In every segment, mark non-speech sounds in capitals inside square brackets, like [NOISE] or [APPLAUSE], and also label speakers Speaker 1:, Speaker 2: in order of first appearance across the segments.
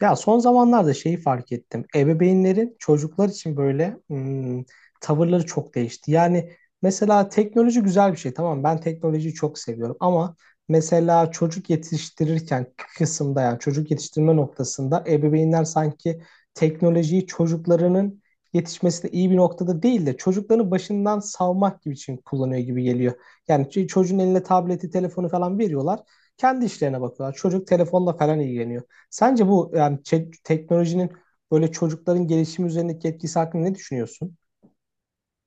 Speaker 1: Ya son zamanlarda şeyi fark ettim. Ebeveynlerin çocuklar için böyle tavırları çok değişti. Yani mesela teknoloji güzel bir şey. Tamam, ben teknolojiyi çok seviyorum ama mesela çocuk yetiştirirken kısımda, yani çocuk yetiştirme noktasında ebeveynler sanki teknolojiyi çocuklarının yetişmesine iyi bir noktada değil de çocukların başından savmak gibi için kullanıyor gibi geliyor. Yani çocuğun eline tableti, telefonu falan veriyorlar. Kendi işlerine bakıyorlar. Çocuk telefonla falan ilgileniyor. Sence bu, yani teknolojinin böyle çocukların gelişimi üzerindeki etkisi hakkında ne düşünüyorsun?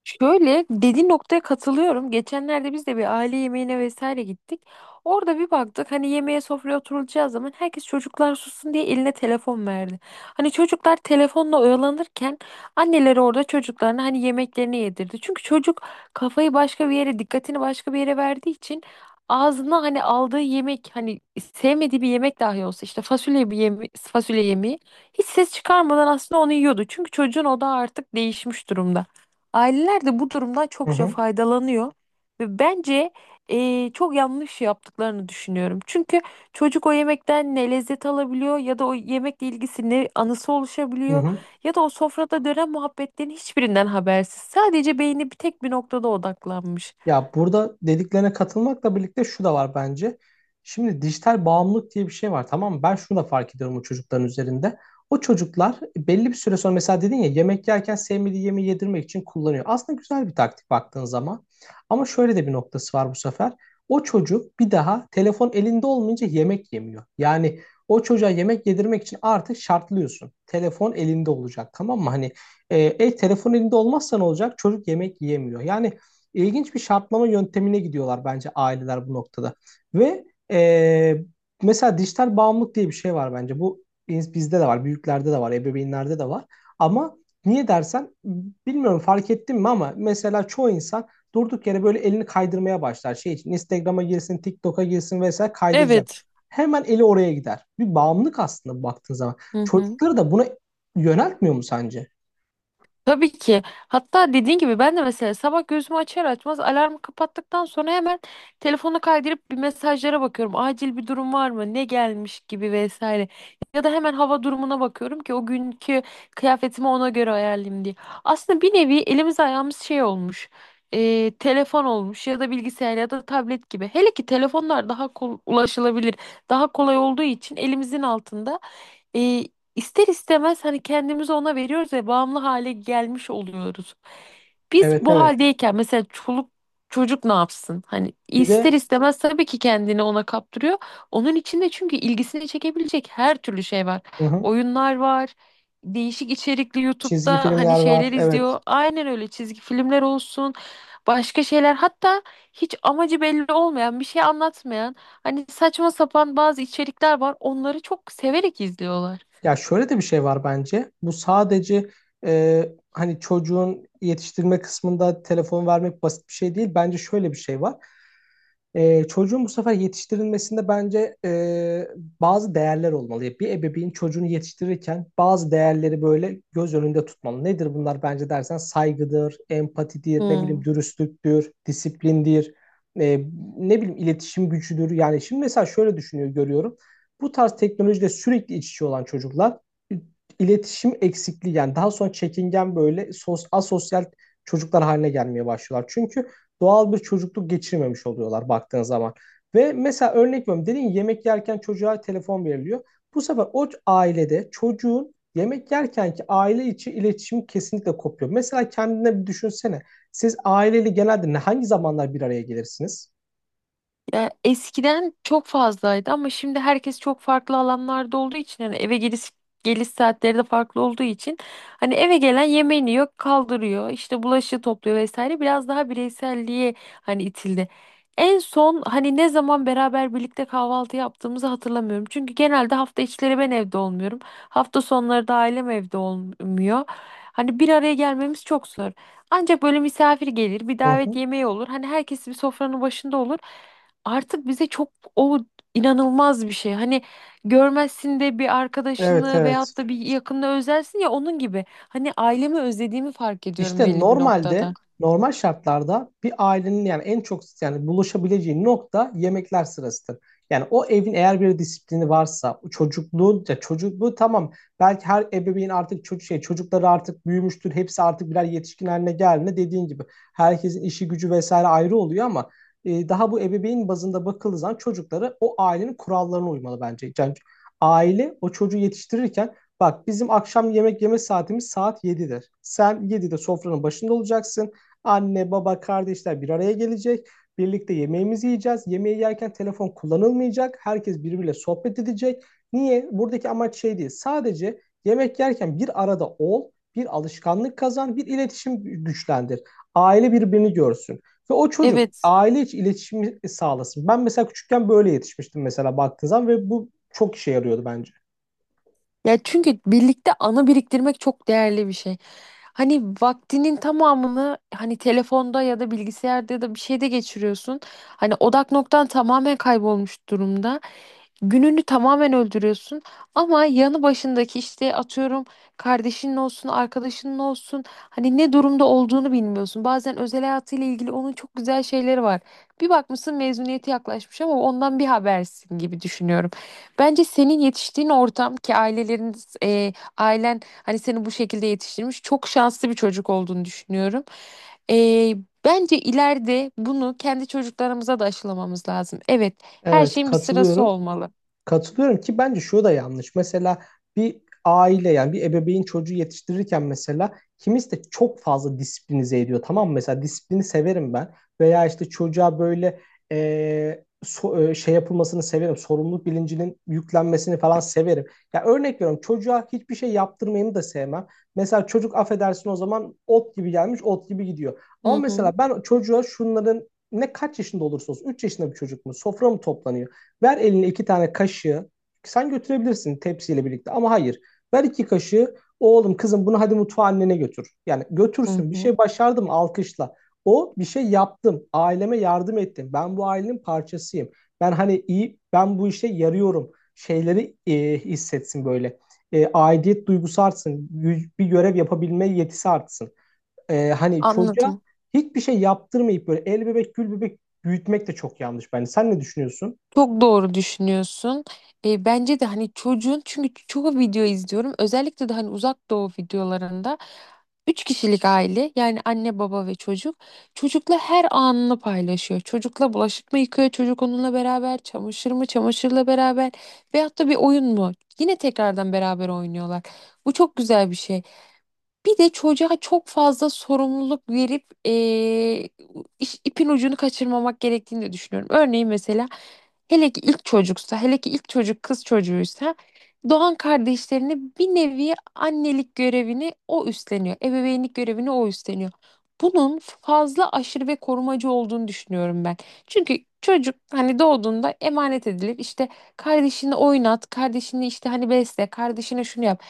Speaker 2: Şöyle dediğin noktaya katılıyorum. Geçenlerde biz de bir aile yemeğine vesaire gittik. Orada bir baktık hani yemeğe sofraya oturulacağı zaman herkes çocuklar sussun diye eline telefon verdi. Hani çocuklar telefonla oyalanırken anneleri orada çocuklarına hani yemeklerini yedirdi. Çünkü çocuk kafayı başka bir yere, dikkatini başka bir yere verdiği için ağzına hani aldığı yemek hani sevmediği bir yemek dahi olsa işte fasulye bir yeme fasulye yemeği hiç ses çıkarmadan aslında onu yiyordu. Çünkü çocuğun odağı artık değişmiş durumda. Aileler de bu durumdan
Speaker 1: Hı
Speaker 2: çokça
Speaker 1: hı,
Speaker 2: faydalanıyor ve bence çok yanlış yaptıklarını düşünüyorum. Çünkü çocuk o yemekten ne lezzet alabiliyor ya da o yemekle ilgisi ne anısı
Speaker 1: hı
Speaker 2: oluşabiliyor
Speaker 1: hı.
Speaker 2: ya da o sofrada dönen muhabbetlerin hiçbirinden habersiz. Sadece beyni bir tek bir noktada odaklanmış.
Speaker 1: Ya, burada dediklerine katılmakla birlikte şu da var bence. Şimdi dijital bağımlılık diye bir şey var, tamam mı? Ben şunu da fark ediyorum o çocukların üzerinde. O çocuklar belli bir süre sonra mesela dedin ya, yemek yerken sevmediği yemeği yedirmek için kullanıyor. Aslında güzel bir taktik baktığın zaman. Ama şöyle de bir noktası var bu sefer. O çocuk bir daha telefon elinde olmayınca yemek yemiyor. Yani o çocuğa yemek yedirmek için artık şartlıyorsun. Telefon elinde olacak, tamam mı? Hani telefon elinde olmazsa ne olacak? Çocuk yemek yiyemiyor. Yani ilginç bir şartlama yöntemine gidiyorlar bence aileler bu noktada. Ve e, mesela dijital bağımlılık diye bir şey var bence. Bu bizde de var, büyüklerde de var, ebeveynlerde de var. Ama niye dersen, bilmiyorum fark ettin mi ama mesela çoğu insan durduk yere böyle elini kaydırmaya başlar. Şey için Instagram'a girsin, TikTok'a girsin, vesaire kaydıracak.
Speaker 2: Evet.
Speaker 1: Hemen eli oraya gider. Bir bağımlılık aslında baktığın zaman.
Speaker 2: Hı hı.
Speaker 1: Çocukları da buna yöneltmiyor mu sence?
Speaker 2: Tabii ki. Hatta dediğin gibi ben de mesela sabah gözümü açar açmaz alarmı kapattıktan sonra hemen telefonu kaydırıp bir mesajlara bakıyorum. Acil bir durum var mı? Ne gelmiş gibi vesaire. Ya da hemen hava durumuna bakıyorum ki o günkü kıyafetimi ona göre ayarlayayım diye. Aslında bir nevi elimiz ayağımız şey olmuş. Telefon olmuş ya da bilgisayar ya da tablet gibi. Hele ki telefonlar daha ulaşılabilir, daha kolay olduğu için elimizin altında. e, İster istemez hani kendimizi ona veriyoruz ve bağımlı hale gelmiş oluyoruz. Biz
Speaker 1: Evet,
Speaker 2: bu
Speaker 1: evet.
Speaker 2: haldeyken mesela çoluk çocuk ne yapsın? Hani
Speaker 1: Bir
Speaker 2: ister
Speaker 1: de
Speaker 2: istemez tabii ki kendini ona kaptırıyor. Onun içinde çünkü ilgisini çekebilecek her türlü şey var.
Speaker 1: hı hı,
Speaker 2: Oyunlar var. Değişik içerikli
Speaker 1: çizgi
Speaker 2: YouTube'da hani
Speaker 1: filmler
Speaker 2: şeyler
Speaker 1: var. Evet.
Speaker 2: izliyor. Aynen öyle çizgi filmler olsun. Başka şeyler hatta hiç amacı belli olmayan bir şey anlatmayan hani saçma sapan bazı içerikler var. Onları çok severek izliyorlar.
Speaker 1: Ya şöyle de bir şey var bence. Bu sadece hani çocuğun yetiştirme kısmında telefon vermek basit bir şey değil. Bence şöyle bir şey var. Çocuğun bu sefer yetiştirilmesinde bence bazı değerler olmalı. Bir ebeveyn çocuğunu yetiştirirken bazı değerleri böyle göz önünde tutmalı. Nedir bunlar bence dersen, saygıdır, empatidir, ne bileyim
Speaker 2: Hmm.
Speaker 1: dürüstlüktür, disiplindir, e, ne bileyim iletişim gücüdür. Yani şimdi mesela şöyle düşünüyor görüyorum. Bu tarz teknolojide sürekli iç içe olan çocuklar e, iletişim eksikliği, yani daha sonra çekingen böyle asosyal çocuklar haline gelmeye başlıyorlar. Çünkü doğal bir çocukluk geçirmemiş oluyorlar baktığın zaman. Ve mesela örnek veriyorum, dedin yemek yerken çocuğa telefon veriliyor. Bu sefer o ailede çocuğun yemek yerkenki aile içi iletişim kesinlikle kopuyor. Mesela kendine bir düşünsene. Siz aileyle genelde ne, hangi zamanlar bir araya gelirsiniz?
Speaker 2: Ya eskiden çok fazlaydı ama şimdi herkes çok farklı alanlarda olduğu için hani eve geliş saatleri de farklı olduğu için hani eve gelen yemeğini yiyor, kaldırıyor, işte bulaşığı topluyor vesaire biraz daha bireyselliğe hani itildi. En son hani ne zaman beraber birlikte kahvaltı yaptığımızı hatırlamıyorum. Çünkü genelde hafta içleri ben evde olmuyorum. Hafta sonları da ailem evde olmuyor. Hani bir araya gelmemiz çok zor. Ancak böyle misafir gelir, bir
Speaker 1: Hı
Speaker 2: davet
Speaker 1: hı.
Speaker 2: yemeği olur. Hani herkes bir sofranın başında olur artık bize çok o inanılmaz bir şey. Hani görmezsin de bir
Speaker 1: Evet,
Speaker 2: arkadaşını
Speaker 1: evet.
Speaker 2: veyahut da bir yakınını özlersin ya onun gibi. Hani ailemi özlediğimi fark ediyorum
Speaker 1: İşte
Speaker 2: belli bir
Speaker 1: normalde,
Speaker 2: noktada.
Speaker 1: normal şartlarda bir ailenin yani en çok yani buluşabileceği nokta yemekler sırasıdır. Yani o evin eğer bir disiplini varsa, o çocukluğu, ya çocukluğu tamam, belki her ebeveyn artık çocukları artık büyümüştür. Hepsi artık birer yetişkin haline geldiğinde dediğin gibi herkesin işi gücü vesaire ayrı oluyor ama daha bu ebeveyn bazında bakıldığı zaman çocukları o ailenin kurallarına uymalı bence. Yani aile o çocuğu yetiştirirken, bak bizim akşam yemek yeme saatimiz saat 7'dir. Sen 7'de sofranın başında olacaksın. Anne, baba, kardeşler bir araya gelecek. Birlikte yemeğimizi yiyeceğiz. Yemeği yerken telefon kullanılmayacak. Herkes birbiriyle sohbet edecek. Niye? Buradaki amaç şey değil. Sadece yemek yerken bir arada ol, bir alışkanlık kazan, bir iletişim güçlendir. Aile birbirini görsün. Ve o çocuk
Speaker 2: Evet.
Speaker 1: aile içi iletişimi sağlasın. Ben mesela küçükken böyle yetişmiştim mesela baktığın zaman ve bu çok işe yarıyordu bence.
Speaker 2: Ya çünkü birlikte anı biriktirmek çok değerli bir şey. Hani vaktinin tamamını hani telefonda ya da bilgisayarda ya da bir şeyde geçiriyorsun. Hani odak noktan tamamen kaybolmuş durumda. Gününü tamamen öldürüyorsun. Ama yanı başındaki işte atıyorum kardeşinin olsun, arkadaşının olsun. Hani ne durumda olduğunu bilmiyorsun. Bazen özel hayatıyla ilgili onun çok güzel şeyleri var. Bir bakmışsın mezuniyeti yaklaşmış ama ondan bir habersin gibi düşünüyorum. Bence senin yetiştiğin ortam ki aileleriniz, ailen hani seni bu şekilde yetiştirmiş çok şanslı bir çocuk olduğunu düşünüyorum. E, Bence ileride bunu kendi çocuklarımıza da aşılamamız lazım. Evet, her
Speaker 1: Evet,
Speaker 2: şeyin bir sırası
Speaker 1: katılıyorum.
Speaker 2: olmalı.
Speaker 1: Katılıyorum ki bence şu da yanlış. Mesela bir aile, yani bir ebeveyn çocuğu yetiştirirken mesela kimisi de çok fazla disiplinize ediyor. Tamam mı? Mesela disiplini severim ben. Veya işte çocuğa böyle şey yapılmasını severim. Sorumluluk bilincinin yüklenmesini falan severim. Ya, örnek veriyorum, çocuğa hiçbir şey yaptırmayını da sevmem. Mesela çocuk, affedersin, o zaman ot gibi gelmiş, ot gibi gidiyor.
Speaker 2: Hı
Speaker 1: Ama
Speaker 2: hı,
Speaker 1: mesela ben çocuğa şunların, ne kaç yaşında olursa olsun, 3 yaşında bir çocuk mu, sofra mı toplanıyor? Ver eline iki tane kaşığı. Sen götürebilirsin tepsiyle birlikte ama hayır. Ver iki kaşığı. Oğlum, kızım, bunu hadi mutfağa annene götür. Yani
Speaker 2: hı
Speaker 1: götürsün, bir
Speaker 2: hı.
Speaker 1: şey başardım, alkışla. O bir şey yaptım. Aileme yardım ettim. Ben bu ailenin parçasıyım. Ben hani iyi, ben bu işe yarıyorum. Şeyleri hissetsin böyle. E, aidiyet duygusu artsın. Bir görev yapabilme yetisi artsın. E, hani çocuğa
Speaker 2: Anladım.
Speaker 1: hiçbir şey yaptırmayıp böyle el bebek gül bebek büyütmek de çok yanlış bence. Sen ne düşünüyorsun?
Speaker 2: Çok doğru düşünüyorsun. Bence de hani çocuğun çünkü çoğu video izliyorum. Özellikle de hani uzak doğu videolarında üç kişilik aile yani anne baba ve çocuk çocukla her anını paylaşıyor. Çocukla bulaşık mı yıkıyor, çocuk onunla beraber, çamaşır mı, çamaşırla beraber veyahut da bir oyun mu? Yine tekrardan beraber oynuyorlar. Bu çok güzel bir şey. Bir de çocuğa çok fazla sorumluluk verip ipin ucunu kaçırmamak gerektiğini de düşünüyorum. Örneğin mesela hele ki ilk çocuksa, hele ki ilk çocuk kız çocuğuysa doğan kardeşlerine bir nevi annelik görevini o üstleniyor. Ebeveynlik görevini o üstleniyor. Bunun fazla aşırı ve korumacı olduğunu düşünüyorum ben. Çünkü çocuk hani doğduğunda emanet edilip işte kardeşini oynat, kardeşini işte hani besle, kardeşine şunu yap.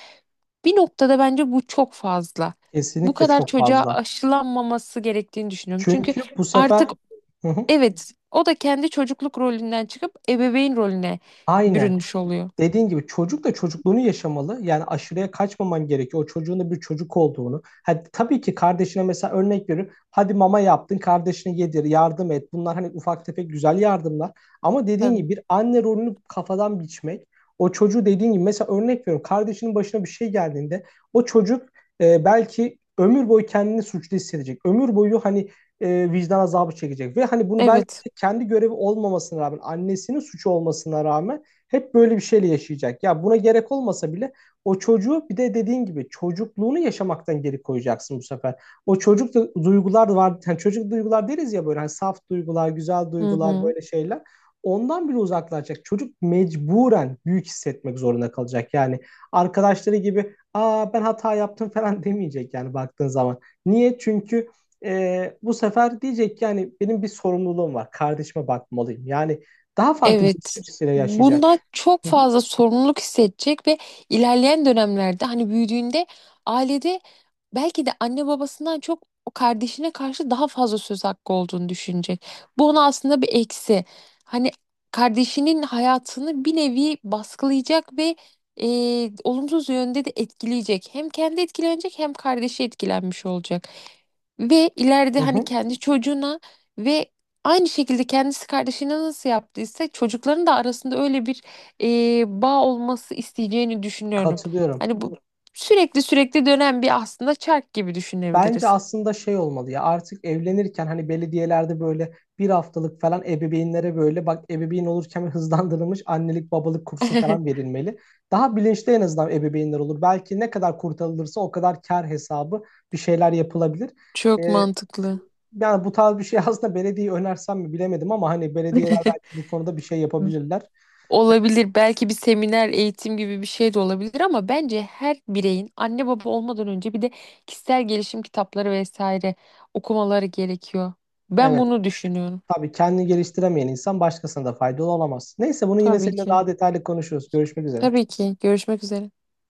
Speaker 2: Bir noktada bence bu çok fazla. Bu
Speaker 1: Kesinlikle
Speaker 2: kadar
Speaker 1: çok
Speaker 2: çocuğa
Speaker 1: fazla.
Speaker 2: aşılanmaması gerektiğini düşünüyorum. Çünkü
Speaker 1: Çünkü bu sefer
Speaker 2: artık
Speaker 1: hı hı.
Speaker 2: evet o da kendi çocukluk rolünden çıkıp ebeveyn rolüne
Speaker 1: Aynen.
Speaker 2: bürünmüş oluyor.
Speaker 1: Dediğin gibi çocuk da çocukluğunu yaşamalı. Yani aşırıya kaçmaman gerekiyor. O çocuğun da bir çocuk olduğunu. Hadi, tabii ki kardeşine, mesela örnek veriyorum, hadi mama yaptın, kardeşine yedir, yardım et. Bunlar hani ufak tefek güzel yardımlar. Ama dediğin
Speaker 2: Tabii.
Speaker 1: gibi bir anne rolünü kafadan biçmek. O çocuğu dediğin gibi, mesela örnek veriyorum, kardeşinin başına bir şey geldiğinde o çocuk belki ömür boyu kendini suçlu hissedecek. Ömür boyu hani vicdan azabı çekecek. Ve hani bunu belki
Speaker 2: Evet.
Speaker 1: de kendi görevi olmamasına rağmen, annesinin suçu olmasına rağmen hep böyle bir şeyle yaşayacak. Ya buna gerek olmasa bile o çocuğu bir de dediğin gibi çocukluğunu yaşamaktan geri koyacaksın bu sefer. Duygular var. Yani çocuk duygular deriz ya, böyle hani saf duygular, güzel
Speaker 2: Hı
Speaker 1: duygular,
Speaker 2: hı.
Speaker 1: böyle şeyler. Ondan bile uzaklaşacak. Çocuk mecburen büyük hissetmek zorunda kalacak. Yani arkadaşları gibi, aa ben hata yaptım [LAUGHS] falan demeyecek yani baktığın zaman. Niye? Çünkü bu sefer diyecek ki yani benim bir sorumluluğum var. Kardeşime bakmalıyım. Yani daha farklı bir
Speaker 2: Evet.
Speaker 1: bakış açısıyla yaşayacak.
Speaker 2: Bundan çok
Speaker 1: Hı hı,
Speaker 2: fazla sorumluluk hissedecek ve ilerleyen dönemlerde hani büyüdüğünde ailede belki de anne babasından çok o kardeşine karşı daha fazla söz hakkı olduğunu düşünecek. Bu ona aslında bir eksi. Hani kardeşinin hayatını bir nevi baskılayacak ve e, olumsuz yönde de etkileyecek. Hem kendi etkilenecek hem kardeşi etkilenmiş olacak. Ve ileride
Speaker 1: hı
Speaker 2: hani
Speaker 1: hı.
Speaker 2: kendi çocuğuna ve aynı şekilde kendisi kardeşine nasıl yaptıysa çocukların da arasında öyle bir bağ olması isteyeceğini düşünüyorum.
Speaker 1: Katılıyorum.
Speaker 2: Hani bu sürekli sürekli dönen bir aslında çark gibi
Speaker 1: Bence
Speaker 2: düşünebiliriz.
Speaker 1: aslında şey olmalı, ya artık evlenirken hani belediyelerde böyle 1 haftalık falan ebeveynlere böyle, bak ebeveyn olurken, [LAUGHS] hızlandırılmış annelik babalık kursu falan
Speaker 2: [LAUGHS]
Speaker 1: verilmeli. Daha bilinçli en azından ebeveynler olur. Belki ne kadar kurtarılırsa o kadar kar hesabı bir şeyler yapılabilir.
Speaker 2: Çok
Speaker 1: Ee,
Speaker 2: mantıklı.
Speaker 1: Yani bu tarz bir şey [LAUGHS] aslında belediye önersem mi bilemedim ama hani belediyeler belki bu konuda bir şey yapabilirler.
Speaker 2: Olabilir. Belki bir seminer, eğitim gibi bir şey de olabilir ama bence her bireyin anne baba olmadan önce bir de kişisel gelişim kitapları vesaire okumaları gerekiyor. Ben
Speaker 1: Evet.
Speaker 2: bunu düşünüyorum.
Speaker 1: Tabii kendini geliştiremeyen insan başkasına da faydalı olamaz. Neyse, bunu yine
Speaker 2: Tabii
Speaker 1: seninle
Speaker 2: ki.
Speaker 1: daha detaylı konuşuruz. Görüşmek üzere.
Speaker 2: Tabii ki. Görüşmek üzere.